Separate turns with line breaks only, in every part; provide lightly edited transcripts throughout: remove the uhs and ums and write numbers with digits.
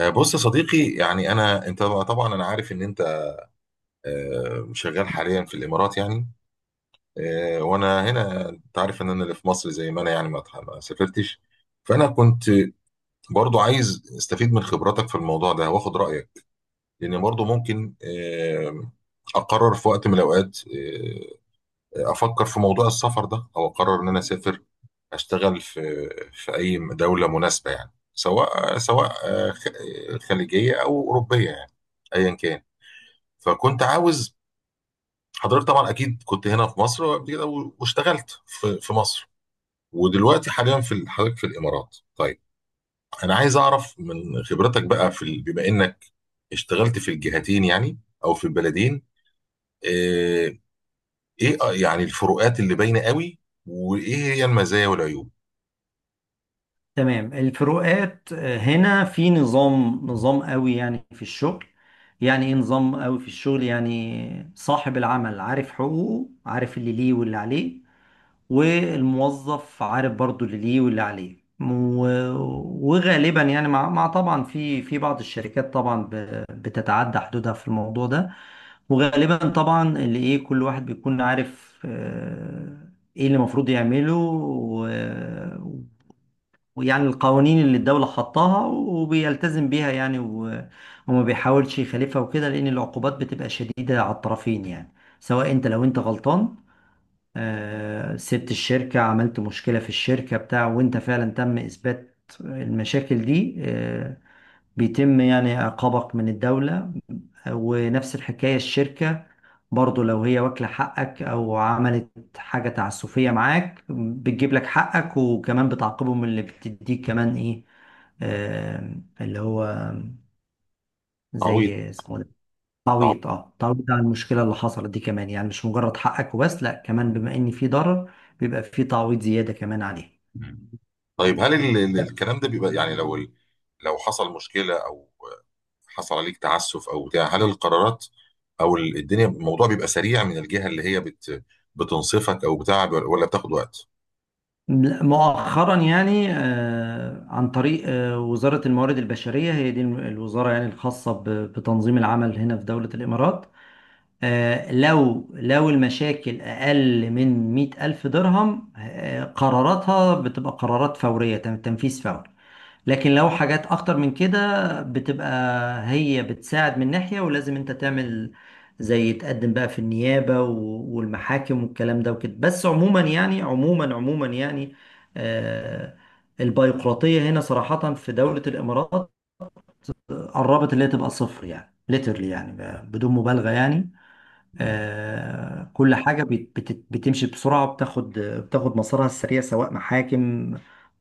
بص يا صديقي يعني انت طبعا انا عارف ان انت شغال حاليا في الامارات يعني. وانا هنا انت عارف ان انا اللي في مصر زي ما انا يعني ما سافرتش. فانا كنت برضو عايز استفيد من خبراتك في الموضوع ده واخد رايك، لان برضو ممكن اقرر في وقت من الاوقات، افكر في موضوع السفر ده او اقرر ان انا اسافر اشتغل في اي دوله مناسبه يعني، سواء خليجيه او اوروبيه يعني، ايا كان. فكنت عاوز حضرتك طبعا اكيد كنت هنا في مصر وقبل كده واشتغلت في مصر، ودلوقتي حاليا حضرتك في الامارات. طيب انا عايز اعرف من خبرتك بقى بما انك اشتغلت في الجهتين يعني او في البلدين. آه، ايه يعني الفروقات اللي باينه قوي، وايه هي المزايا والعيوب؟
تمام. الفروقات، هنا في نظام قوي يعني في الشغل. يعني ايه نظام قوي في الشغل؟ يعني صاحب العمل عارف حقوقه، عارف اللي ليه واللي عليه. والموظف عارف برضو اللي ليه واللي عليه. وغالبا يعني مع طبعا في بعض الشركات طبعا بتتعدى حدودها في الموضوع ده. وغالبا طبعا اللي ايه، كل واحد بيكون عارف ايه اللي المفروض يعمله. ويعني القوانين اللي الدولة حطاها وبيلتزم بيها يعني. وما بيحاولش يخالفها وكده، لأن العقوبات بتبقى شديدة على الطرفين يعني. سواء أنت، لو أنت غلطان، سبت الشركة، عملت مشكلة في الشركة بتاع، وأنت فعلا تم إثبات المشاكل دي، بيتم يعني عقابك من الدولة. ونفس الحكاية الشركة، برضو لو هي واكلة حقك أو عملت حاجة تعسفية معاك، بتجيب لك حقك، وكمان بتعاقبهم اللي بتديك كمان إيه، آه اللي هو
تعويض.
زي اسمه ده.
تعويض.
تعويض عن المشكلة اللي حصلت دي، كمان يعني مش مجرد حقك وبس، لا، كمان بما إن في ضرر، بيبقى في تعويض زيادة كمان عليه.
طيب هل الكلام ده بيبقى يعني لو لو حصل مشكله او حصل عليك تعسف او بتاع، هل القرارات او الدنيا الموضوع بيبقى سريع من الجهه اللي هي بتنصفك او بتاع، ولا بتاخد وقت؟
لا، مؤخرا يعني عن طريق وزارة الموارد البشرية، هي دي الوزارة يعني الخاصة بتنظيم العمل هنا في دولة الإمارات. لو المشاكل أقل من 100,000 درهم، قراراتها بتبقى قرارات فورية، تنفيذ فوري. لكن لو حاجات اكتر من كده، بتبقى هي بتساعد من ناحية، ولازم انت تعمل زي تقدم بقى في النيابة والمحاكم والكلام ده وكده. بس عموما يعني، عموما يعني، آه البيروقراطية هنا صراحة في دولة الامارات قربت اللي هي تبقى صفر، يعني ليترلي، يعني بدون مبالغة يعني.
مم.
كل حاجة بتمشي بسرعة، بتاخد مسارها السريع، سواء محاكم،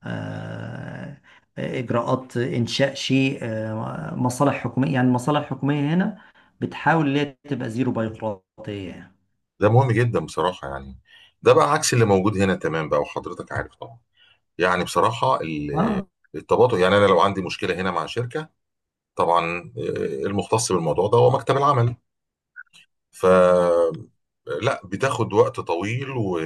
آه، إجراءات إنشاء شيء، مصالح حكومية. يعني المصالح الحكومية هنا بتحاول إن هي تبقى زيرو بيروقراطية يعني.
ده مهم جدا بصراحه يعني. ده بقى عكس اللي موجود هنا، تمام بقى، وحضرتك عارف طبعا يعني بصراحه
آه
التباطؤ. يعني انا لو عندي مشكله هنا مع شركه، طبعا المختص بالموضوع ده هو مكتب العمل. ف لا، بتاخد وقت طويل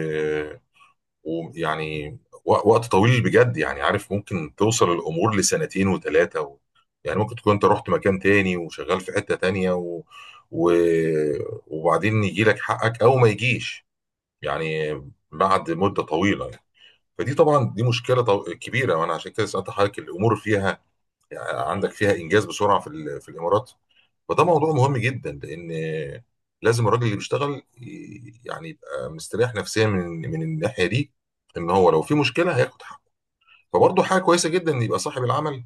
ويعني وقت طويل بجد، يعني عارف ممكن توصل الامور لسنتين وثلاثه، يعني ممكن تكون انت رحت مكان تاني وشغال في حته تانيه، و... وبعدين يجي لك حقك او ما يجيش، يعني بعد مده طويله يعني. فدي طبعا دي مشكله كبيره، وانا عشان كده سالت حضرتك الامور فيها، يعني عندك فيها انجاز بسرعه في الامارات. فده موضوع مهم جدا، لان لازم الراجل اللي بيشتغل يعني يبقى مستريح نفسيا من الناحيه دي، ان هو لو في مشكله هياخد حقه. فبرضه حاجه كويسه جدا ان يبقى صاحب العمل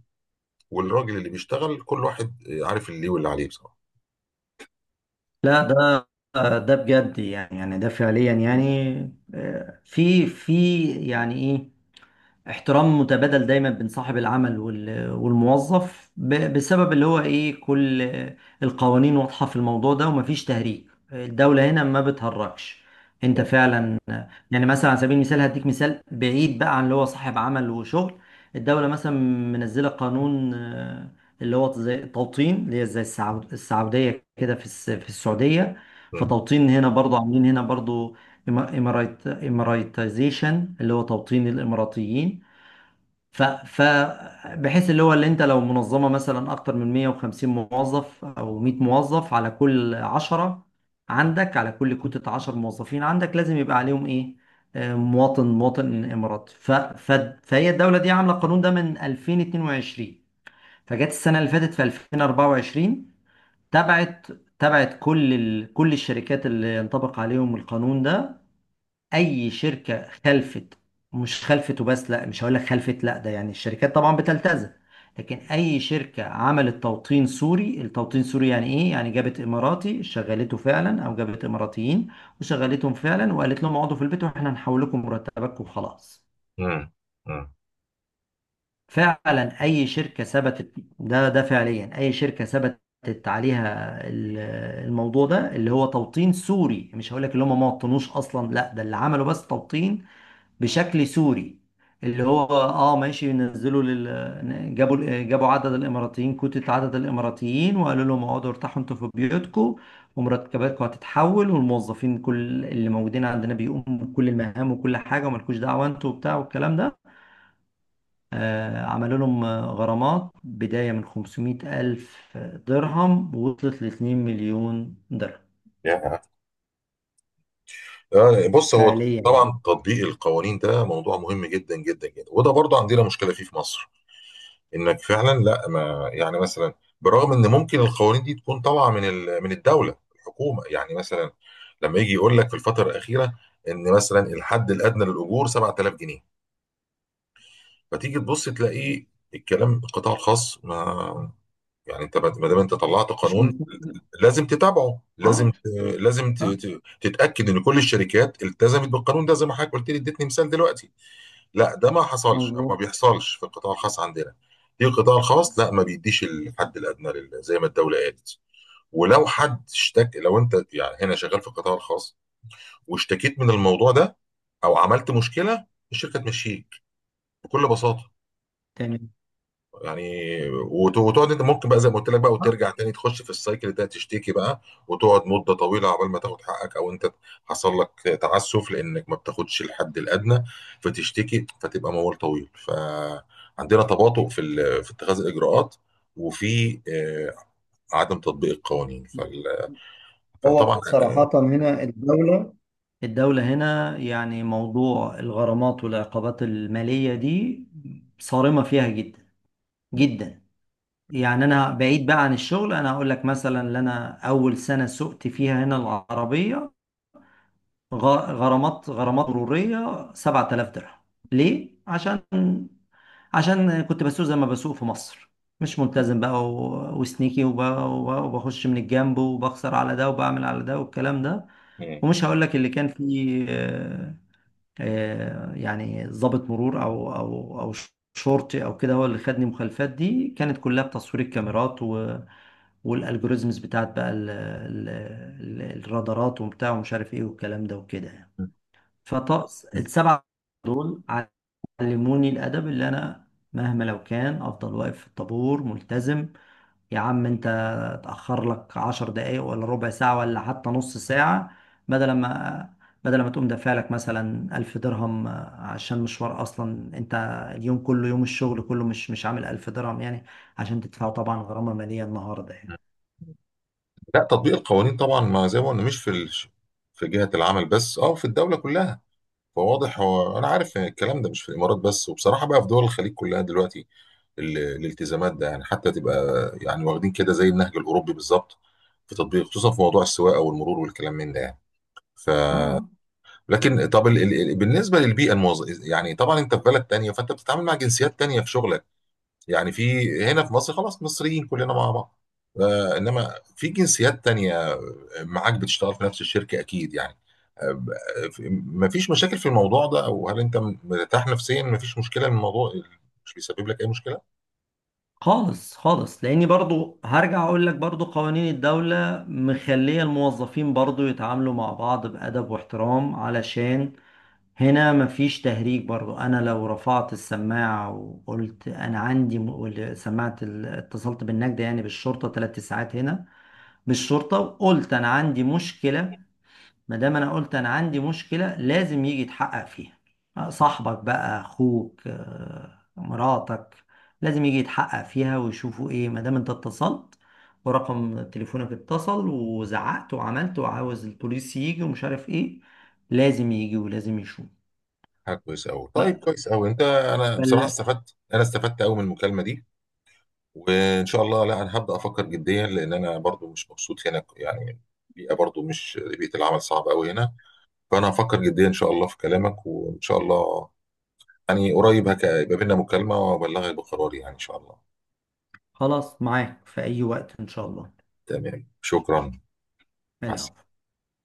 والراجل اللي بيشتغل كل واحد عارف اللي ليه واللي عليه بصراحه.
لا ده بجد يعني ده فعليا يعني. في يعني إيه احترام متبادل دايما بين صاحب العمل والموظف بسبب اللي هو ايه، كل القوانين واضحة في الموضوع ده، ومفيش تهريج. الدولة هنا ما بتهرجش، انت
مم.
فعلا. يعني مثلا، على سبيل المثال هديك مثال بعيد بقى عن اللي هو صاحب عمل وشغل. الدولة مثلا منزلة قانون، اللي هو زي توطين، اللي هي زي السعودية كده، في السعودية.
مم.
فتوطين هنا برضو، عاملين هنا برضو إمارات إماراتيزيشن، اللي هو توطين الإماراتيين. ف ف بحيث اللي هو، اللي انت لو منظمه مثلا اكتر من 150 موظف او 100 موظف، على كل 10 عندك، على كل كتله 10 موظفين عندك، لازم يبقى عليهم ايه، مواطن اماراتي. ف ف فهي الدوله دي عامله القانون ده من 2022. فجت السنه اللي فاتت في 2024، تبعت تبعت كل الشركات اللي ينطبق عليهم القانون ده. اي شركه خلفت، مش خلفت وبس، لا، مش هقول لك خلفت، لا ده يعني الشركات طبعا بتلتزم. لكن اي شركه عملت توطين سوري. التوطين السوري يعني ايه؟ يعني جابت اماراتي شغلته فعلا، او جابت اماراتيين وشغلتهم فعلا، وقالت لهم اقعدوا في البيت، واحنا هنحول لكم مرتباتكم وخلاص.
مم. مم.
فعلا اي شركه ثبتت، ده فعليا، اي شركه ثبتت عليها الموضوع ده، اللي هو توطين سوري. مش هقول لك اللي هم ما وطنوش اصلا، لا، ده اللي عملوا بس توطين بشكل سوري. اللي هو ماشي، نزلوا جابوا عدد الاماراتيين، كوتة عدد الاماراتيين، وقالوا لهم اقعدوا ارتاحوا انتوا في بيوتكم، ومرتباتكم هتتحول، والموظفين كل اللي موجودين عندنا بيقوموا بكل المهام وكل حاجه، ومالكوش دعوه انتوا وبتاع والكلام ده. عملوا لهم، غرامات بدايه من 500 الف درهم، وصلت ل 2 مليون درهم
يا. بص هو
فعليا يعني.
طبعا تطبيق القوانين ده موضوع مهم جدا جدا جدا، وده برضه عندنا مشكله فيه في مصر. انك فعلا لا، ما يعني مثلا برغم ان ممكن القوانين دي تكون طالعه من من الدوله الحكومه يعني، مثلا لما يجي يقول لك في الفتره الاخيره ان مثلا الحد الادنى للاجور 7000 جنيه، فتيجي تبص تلاقيه الكلام القطاع الخاص ما يعني. انت ما دام انت طلعت
مش
قانون،
مظبوط.
لازم تتابعه،
اه
لازم لازم
آه،
تتاكد ان كل الشركات التزمت بالقانون ده، زي ما حضرتك قلت لي اديتني مثال دلوقتي. لا ده ما حصلش او ما
مظبوط.
بيحصلش في القطاع الخاص عندنا. في القطاع الخاص لا، ما بيديش الحد الادنى زي ما الدوله قالت. ولو حد اشتك، لو انت يعني هنا شغال في القطاع الخاص واشتكيت من الموضوع ده او عملت مشكله، الشركه تمشيك بكل بساطه
تمام.
يعني، وتقعد انت ممكن بقى زي ما قلت لك بقى
آه،
وترجع تاني تخش في السايكل ده تشتكي بقى، وتقعد مده طويله عقبال ما تاخد حقك او انت حصل لك تعسف لانك ما بتاخدش الحد الادنى فتشتكي، فتبقى موال طويل. فعندنا تباطؤ في اتخاذ الاجراءات، وفي عدم تطبيق القوانين.
هو
فطبعا
صراحة هنا الدولة، الدولة هنا يعني موضوع الغرامات والعقوبات المالية دي صارمة فيها جدا جدا. يعني أنا بعيد بقى عن الشغل، أنا هقول لك مثلا إن أنا أول سنة سوقت فيها هنا العربية، غرامات مرورية 7000 درهم. ليه؟ عشان كنت بسوق زي ما بسوق في مصر، مش ملتزم بقى، وسنيكي، وبخش من الجنب، وبخسر على ده، وبعمل على ده، والكلام ده. ومش هقول لك اللي كان فيه، يعني ضابط مرور او شرطي او كده هو اللي خدني. المخالفات دي كانت كلها بتصوير الكاميرات والالجوريزمز بتاعت بقى، الرادارات وبتاع ومش عارف ايه والكلام ده وكده يعني. فطقس السبعة دول علموني الأدب، اللي أنا مهما لو كان أفضل واقف في الطابور ملتزم. يا عم أنت، تأخر لك 10 دقايق، ولا ربع ساعة، ولا حتى نص ساعة، بدل ما تقوم دافع لك مثلا 1000 درهم. عشان مشوار، أصلا أنت اليوم كله، يوم الشغل كله مش عامل 1000 درهم يعني، عشان تدفعه طبعا غرامة مالية النهاردة يعني.
لا، تطبيق القوانين طبعا ما زي ما قلنا مش في جهة العمل بس، اه في الدولة كلها. فواضح هو انا عارف إن الكلام ده مش في الامارات بس، وبصراحه بقى في دول الخليج كلها دلوقتي الالتزامات ده، يعني حتى تبقى يعني واخدين كده زي النهج الاوروبي بالظبط في تطبيق، خصوصا في موضوع السواقه والمرور والكلام من ده يعني. ف
اه، آه.
لكن طب بالنسبه للبيئه يعني طبعا انت في بلد تانية فانت بتتعامل مع جنسيات تانية في شغلك يعني. في هنا في مصر خلاص مصريين كلنا مع بعض. انما في جنسيات تانية معاك بتشتغل في نفس الشركة اكيد يعني. مفيش مشاكل في الموضوع ده، او هل انت مرتاح نفسيا؟ مفيش مشكلة من الموضوع، مش بيسبب لك اي مشكلة؟
خالص، خالص. لاني برضو هرجع اقول لك برضو قوانين الدولة مخلية الموظفين برضو يتعاملوا مع بعض بأدب واحترام، علشان هنا مفيش تهريج. برضو انا لو رفعت السماعة وقلت انا عندي سماعة اتصلت بالنجدة يعني بالشرطة، 3 ساعات هنا بالشرطة وقلت انا عندي مشكلة، ما دام انا قلت انا عندي مشكله، لازم يجي يتحقق فيها. صاحبك بقى، اخوك، مراتك، لازم يجي يتحقق فيها ويشوفوا ايه، ما دام انت اتصلت ورقم تليفونك اتصل، وزعقت، وعملت، وعاوز البوليس يجي ومش عارف ايه، لازم يجي ولازم يشوف.
حاجة كويسة قوي، طيب كويس قوي. انت انا بصراحة
فال-
استفدت، انا استفدت قوي من المكالمة دي، وان شاء الله لا، انا هبدأ افكر جديا لان انا برضو مش مبسوط هنا يعني. البيئة برضو مش، بيئة العمل صعبة قوي هنا. فانا هفكر جديا ان شاء الله في كلامك، وان شاء الله يعني قريب هيبقى بينا مكالمة وأبلغك بقراري يعني إن شاء الله.
خلاص، معاك في اي وقت ان شاء الله.
تمام، شكرا. مع السلامة.
العفو.